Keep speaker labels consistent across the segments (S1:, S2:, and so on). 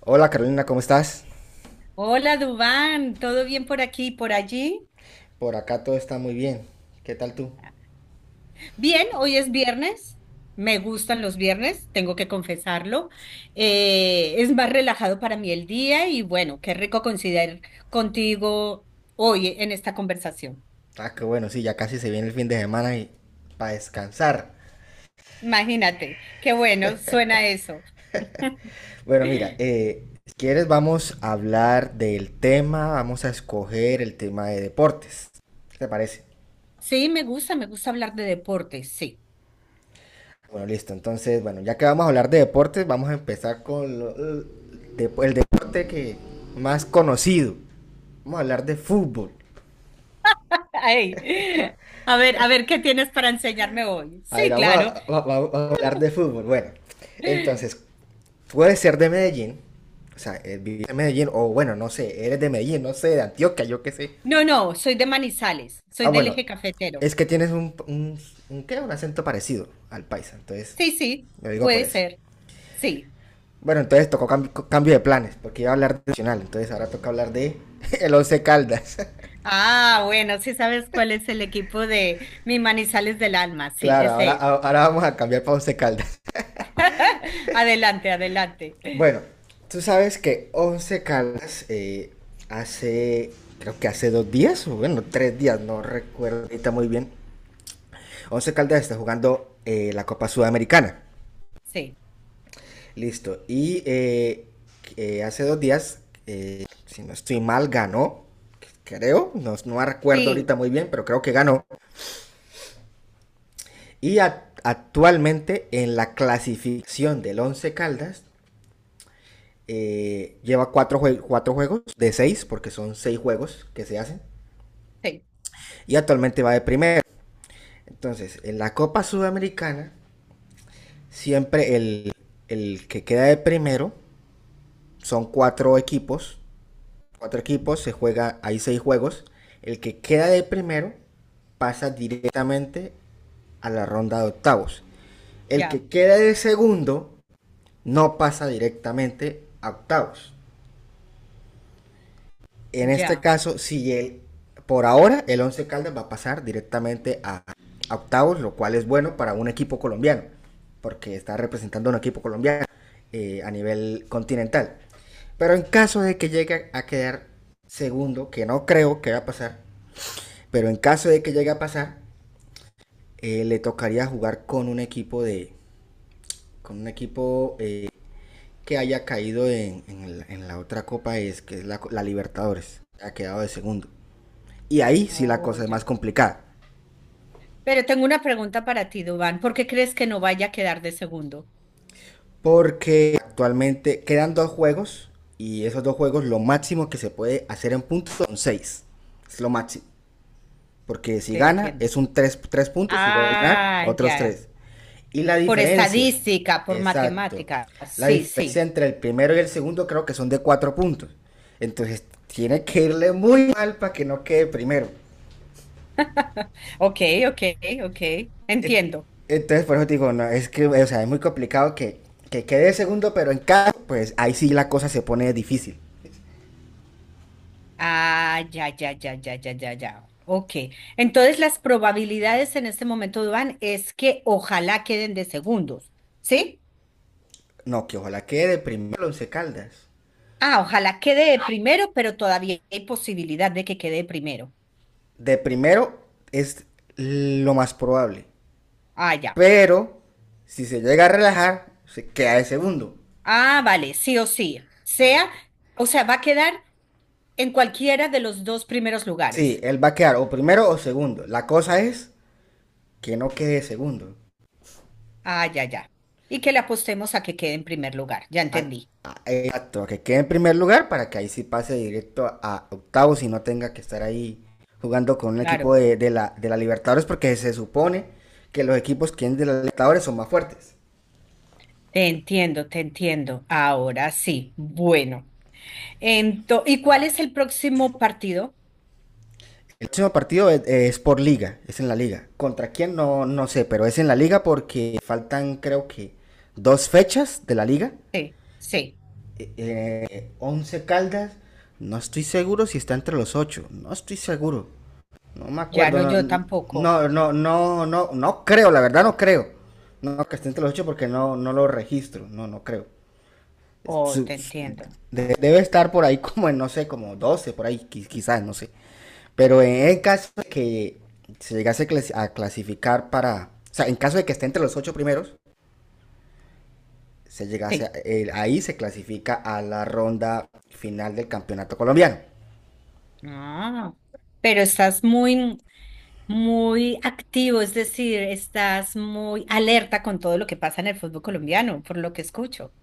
S1: Hola Carolina, ¿cómo estás?
S2: Hola, Dubán, ¿todo bien por aquí y por allí?
S1: Por acá todo está muy bien. ¿Qué tal tú?
S2: Bien, hoy es viernes. Me gustan los viernes, tengo que confesarlo. Es más relajado para mí el día y bueno, qué rico coincidir contigo hoy en esta conversación.
S1: Ah, qué bueno, sí, ya casi se viene el fin de semana y para descansar.
S2: Imagínate, qué bueno, suena eso.
S1: Bueno, mira, si quieres vamos a hablar del tema, vamos a escoger el tema de deportes. ¿Qué te parece?
S2: Sí, me gusta hablar de deportes, sí.
S1: Bueno, listo. Entonces, bueno, ya que vamos a hablar de deportes, vamos a empezar con el el deporte que más conocido. Vamos a hablar de fútbol.
S2: Ay, a ver, a ver, ¿qué tienes para enseñarme hoy?
S1: A ver,
S2: Sí,
S1: vamos
S2: claro.
S1: a, vamos a hablar de fútbol. Bueno, entonces, puede ser de Medellín, o sea, vivir en Medellín, o bueno, no sé, eres de Medellín, no sé, de Antioquia, yo qué sé.
S2: No, no, soy de Manizales, soy
S1: Ah,
S2: del
S1: bueno,
S2: eje cafetero.
S1: es que tienes un ¿qué? Un acento parecido al paisa, entonces,
S2: Sí, sí,
S1: lo digo por
S2: puede
S1: eso.
S2: ser. Sí.
S1: Bueno, entonces tocó cambio de planes, porque iba a hablar de Nacional, entonces ahora toca hablar de el Once Caldas.
S2: Ah, bueno, sí sabes cuál es el equipo de Mi Manizales del Alma. Sí,
S1: Claro, ahora,
S2: ese es.
S1: ahora vamos a cambiar para Once Caldas.
S2: Adelante, adelante.
S1: Bueno, tú sabes que Once Caldas hace, creo que hace dos días, o bueno, tres días, no recuerdo ahorita muy bien, Once Caldas está jugando la Copa Sudamericana.
S2: Sí,
S1: Listo. Y hace dos días, si no estoy mal, ganó. Creo, no, no recuerdo
S2: sí,
S1: ahorita muy bien, pero creo que ganó. Y actualmente en la clasificación del Once Caldas lleva cuatro, jue cuatro, juegos de seis, porque son seis juegos que se hacen,
S2: sí.
S1: y actualmente va de primero. Entonces, en la Copa Sudamericana, siempre el que queda de primero son cuatro equipos. Cuatro equipos, se juega, hay seis juegos. El que queda de primero pasa directamente a la ronda de octavos. El
S2: Ya,
S1: que queda de segundo no pasa directamente a octavos. En este
S2: ya.
S1: caso, si el, por ahora el Once Caldas va a pasar directamente a octavos, lo cual es bueno para un equipo colombiano, porque está representando a un equipo colombiano a nivel continental. Pero en caso de que llegue a quedar segundo, que no creo que va a pasar, pero en caso de que llegue a pasar, le tocaría jugar con un equipo de con un equipo que haya caído en la otra copa es que es la Libertadores ha quedado de segundo. Y ahí sí la
S2: Oh,
S1: cosa es
S2: ya.
S1: más complicada.
S2: Pero tengo una pregunta para ti, Dubán. ¿Por qué crees que no vaya a quedar de segundo?
S1: Porque actualmente quedan dos juegos. Y esos dos juegos, lo máximo que se puede hacer en puntos son seis. Es lo máximo. Porque si
S2: Te
S1: gana,
S2: entiendo.
S1: es un tres puntos. Igual a ganar,
S2: Ah,
S1: otros
S2: ya.
S1: tres. Y la
S2: Por
S1: diferencia.
S2: estadística, por
S1: Exacto.
S2: matemática.
S1: La
S2: Sí,
S1: diferencia
S2: sí.
S1: entre el primero y el segundo creo que son de 4 puntos. Entonces tiene que irle muy mal para que no quede primero.
S2: Ok, ok, ok.
S1: Eh,
S2: Entiendo.
S1: Entonces, por eso te digo, no, es que, o sea, es muy complicado que quede segundo, pero en caso, pues ahí sí la cosa se pone difícil.
S2: Ah, ya, ya, ya, ya, ya, ya, ya. Ok. Entonces las probabilidades en este momento, Duan, es que ojalá queden de segundos, ¿sí?
S1: No, que ojalá quede de primero Once Caldas.
S2: Ah, ojalá quede de primero, pero todavía hay posibilidad de que quede de primero.
S1: De primero es lo más probable.
S2: Ah, ya.
S1: Pero si se llega a relajar, se queda de segundo.
S2: Ah, vale, sí o sí. O sea, va a quedar en cualquiera de los dos primeros
S1: Sí,
S2: lugares.
S1: él va a quedar o primero o segundo. La cosa es que no quede de segundo.
S2: Ah, ya, ya. Y que le apostemos a que quede en primer lugar. Ya
S1: a-
S2: entendí.
S1: Exacto, que quede en primer lugar para que ahí sí pase directo a octavos y no tenga que estar ahí jugando con un equipo
S2: Claro.
S1: de la Libertadores porque se supone que los equipos que vienen de la Libertadores son más fuertes.
S2: Te entiendo, te entiendo. Ahora sí. Bueno. ¿Y cuál es el próximo partido?
S1: El próximo partido es por liga, es en la liga. ¿Contra quién? No, no sé, pero es en la liga porque faltan creo que dos fechas de la liga.
S2: Sí, sí,
S1: 11 Caldas, no estoy seguro si está entre los ocho, no estoy seguro. No me
S2: ya no
S1: acuerdo,
S2: yo tampoco.
S1: no, creo, la verdad no creo. No, que esté entre los ocho porque no, no lo registro, no, no creo.
S2: Oh,
S1: su-
S2: te
S1: su-
S2: entiendo.
S1: Debe estar por ahí como en, no sé, como 12 por ahí, quizás, no sé. Pero en el caso de que se llegase a a clasificar para, o sea, en caso de que esté entre los ocho primeros, se llegase a-
S2: Sí.
S1: el- ahí se clasifica a la ronda final del campeonato colombiano.
S2: Ah, pero estás muy, muy activo, es decir, estás muy alerta con todo lo que pasa en el fútbol colombiano, por lo que escucho.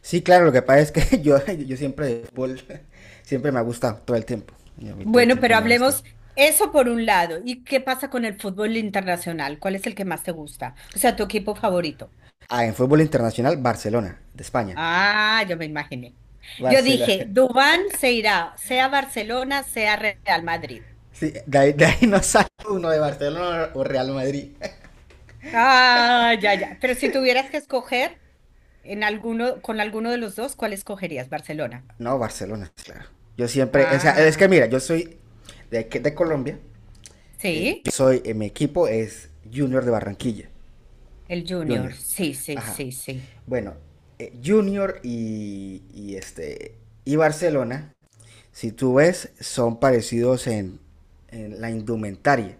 S1: Sí, claro, lo que pasa es que yo siempre, de fútbol, siempre me ha gustado todo el tiempo. Y a mí todo el
S2: Bueno,
S1: tiempo
S2: pero
S1: me ha gustado.
S2: hablemos eso por un lado. ¿Y qué pasa con el fútbol internacional? ¿Cuál es el que más te gusta? O sea, tu equipo favorito.
S1: Ah, en fútbol internacional, Barcelona, de España.
S2: Ah, yo me imaginé. Yo
S1: Barcelona.
S2: dije, Dubán se irá, sea Barcelona, sea Real Madrid.
S1: Sí, de ahí no sale uno de Barcelona o Real Madrid.
S2: Ah, ya, ya. Pero si tuvieras que escoger en alguno, con alguno de los dos, ¿cuál escogerías? Barcelona.
S1: No, Barcelona, sí, claro. Yo siempre, o sea, es que
S2: Ah,
S1: mira, yo soy de, de Colombia.
S2: sí,
S1: Yo soy, mi equipo es Junior de Barranquilla.
S2: el Junior.
S1: Junior.
S2: Sí, sí,
S1: Ajá.
S2: sí, sí.
S1: Bueno, Junior y este y Barcelona. Si tú ves, son parecidos en la indumentaria.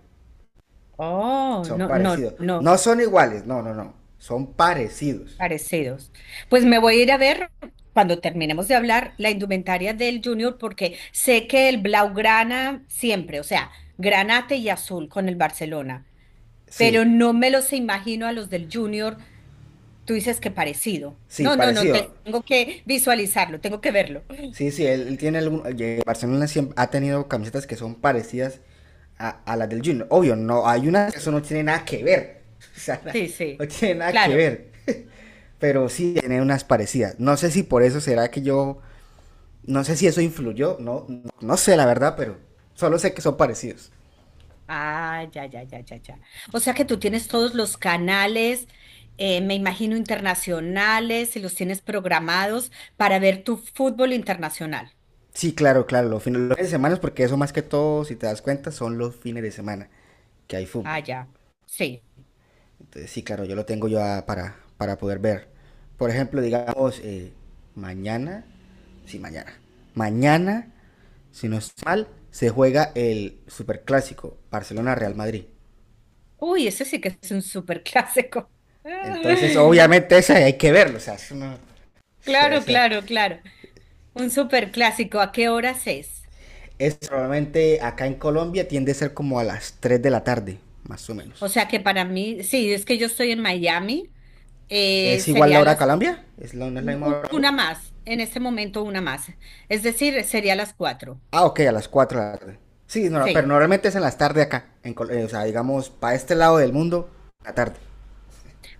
S2: Oh,
S1: Son
S2: no, no,
S1: parecidos.
S2: no,
S1: No son iguales, no, no, no. Son parecidos.
S2: parecidos. Pues me voy a ir a ver cuando terminemos de hablar la indumentaria del Junior porque sé que el Blaugrana siempre, o sea, granate y azul con el Barcelona. Pero
S1: Sí,
S2: no me los imagino a los del Junior. Tú dices que parecido.
S1: sí,
S2: No, no, no,
S1: parecido.
S2: tengo que visualizarlo, tengo que verlo.
S1: Sí, sí, él tiene algún. Oye, Barcelona siempre ha tenido camisetas que son parecidas a las del Junior. Obvio, no, hay unas que eso no tiene nada que ver. O sea,
S2: Sí, sí,
S1: no tiene nada que
S2: claro.
S1: ver. Pero sí tiene unas parecidas. No sé si por eso será que yo. No sé si eso influyó. No, no, no sé la verdad, pero solo sé que son parecidos.
S2: Ah, ya, ya, ya, ya, ya. O sea que tú tienes todos los canales, me imagino internacionales, y los tienes programados para ver tu fútbol internacional.
S1: Sí, claro, claro, los fines de semana, porque eso más que todo, si te das cuenta, son los fines de semana que hay
S2: Ah,
S1: fútbol.
S2: ya, sí.
S1: Entonces, sí, claro, yo lo tengo yo para poder ver. Por ejemplo, digamos, mañana, sí, mañana, si no estoy mal, se juega el superclásico Barcelona-Real Madrid.
S2: Uy, ese sí que es un súper clásico.
S1: Entonces, obviamente, ese hay que verlo, o sea, eso no- o
S2: Claro,
S1: sea,
S2: claro, claro. Un súper clásico. ¿A qué horas es?
S1: es probablemente acá en Colombia tiende a ser como a las 3 de la tarde, más o
S2: O
S1: menos.
S2: sea que para mí, sí, es que yo estoy en Miami,
S1: ¿Es igual la
S2: sería
S1: hora
S2: las
S1: Calambia? ¿Es la, ¿No es la misma hora Calambia?
S2: una más, en este momento una más. Es decir, sería las cuatro.
S1: Ah, ok, a las 4 de la tarde. Sí, no, no, pero
S2: Sí.
S1: normalmente es en las tardes acá. En o sea, digamos, para este lado del mundo, la tarde.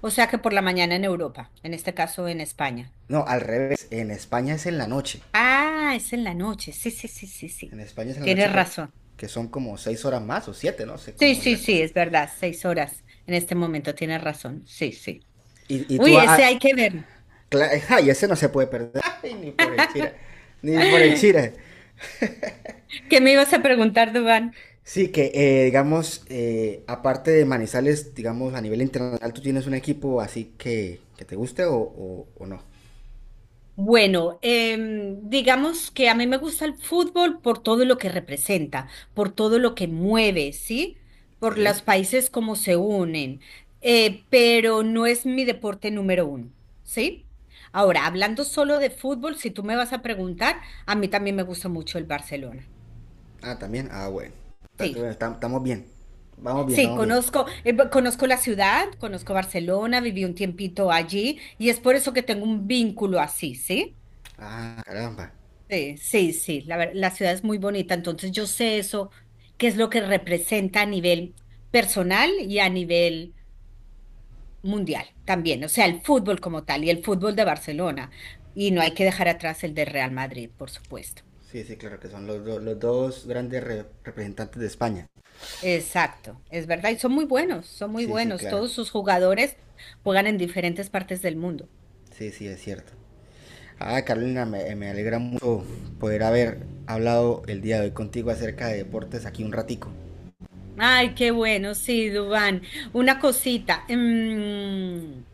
S2: O sea que por la mañana en Europa, en este caso en España.
S1: No, al revés. En España es en la noche.
S2: Ah, es en la noche. Sí, sí, sí, sí,
S1: En
S2: sí.
S1: España es en la noche
S2: Tienes razón.
S1: porque son como 6 horas más o siete, no sé
S2: Sí,
S1: cómo es
S2: sí,
S1: la
S2: sí,
S1: cosa.
S2: es verdad. Seis horas en este momento, tienes razón. Sí, sí.
S1: Y tú.
S2: Uy,
S1: Ah,
S2: ese hay que
S1: ah,
S2: ver.
S1: ay, ese no se puede perder. Ay, ni por el chira. Ni por el chira.
S2: ¿Qué me ibas a preguntar, Dubán?
S1: Sí, que digamos, aparte de Manizales, digamos, a nivel internacional, ¿tú tienes un equipo así que te guste o no?
S2: Bueno, digamos que a mí me gusta el fútbol por todo lo que representa, por todo lo que mueve, ¿sí? Por
S1: Sí.
S2: los países como se unen, pero no es mi deporte número uno, ¿sí? Ahora, hablando solo de fútbol, si tú me vas a preguntar, a mí también me gusta mucho el Barcelona.
S1: Ah, también. Ah, bueno.
S2: Sí,
S1: Estamos bien. Vamos bien,
S2: sí,
S1: vamos bien.
S2: conozco, conozco la ciudad, conozco Barcelona, viví un tiempito allí y es por eso que tengo un vínculo así, ¿sí?
S1: Ah, caramba.
S2: Sí, sí, sí, la ciudad es muy bonita, entonces yo sé eso, qué es lo que representa a nivel personal y a nivel mundial también, o sea, el fútbol como tal y el fútbol de Barcelona, y no hay que dejar atrás el de Real Madrid, por supuesto.
S1: Sí, sí, claro, que son los dos grandes representantes de España.
S2: Exacto, es verdad, y son muy
S1: Sí, sí,
S2: buenos,
S1: claro.
S2: todos sus jugadores juegan en diferentes partes del mundo.
S1: Sí, sí, es cierto. Ah, Carolina, me alegra mucho poder haber hablado el día de hoy contigo acerca de deportes aquí un ratico.
S2: Ay, qué bueno, sí, Dubán. Una cosita.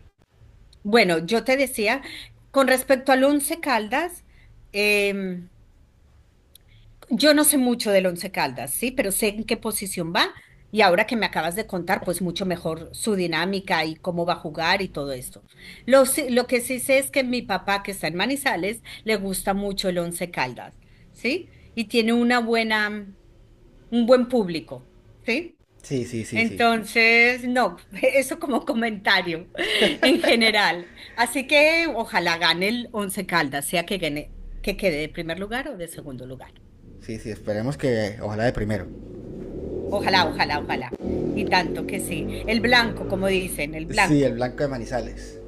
S2: Bueno, yo te decía, con respecto al Once Caldas, em, yo no sé mucho del Once Caldas, sí, pero sé en qué posición va y ahora que me acabas de contar, pues mucho mejor su dinámica y cómo va a jugar y todo esto. Lo que sí sé es que mi papá, que está en Manizales, le gusta mucho el Once Caldas, ¿sí? Y tiene un buen público, ¿sí?
S1: Sí, sí, sí, sí.
S2: Entonces, no, eso como comentario en general. Así que ojalá gane el Once Caldas, sea que gane, que quede de primer lugar o de segundo lugar.
S1: Sí, sí, esperemos que. Ojalá de primero.
S2: Ojalá, ojalá, ojalá. Y tanto que sí. El blanco, como dicen, el
S1: Sí, el
S2: blanco.
S1: blanco de Manizales.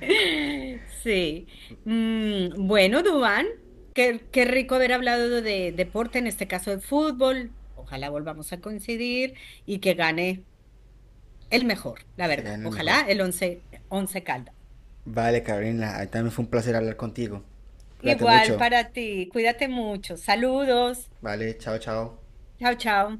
S2: Sí. Bueno, Dubán, qué rico haber hablado de deporte, en este caso de fútbol. Ojalá volvamos a coincidir y que gane el mejor, la
S1: Se cae
S2: verdad.
S1: en el mejor.
S2: Ojalá el Once Caldas.
S1: Vale, Carolina, ahí también fue un placer hablar contigo. Cuídate
S2: Igual
S1: mucho.
S2: para ti. Cuídate mucho. Saludos.
S1: Vale, chao, chao.
S2: Chao, chao.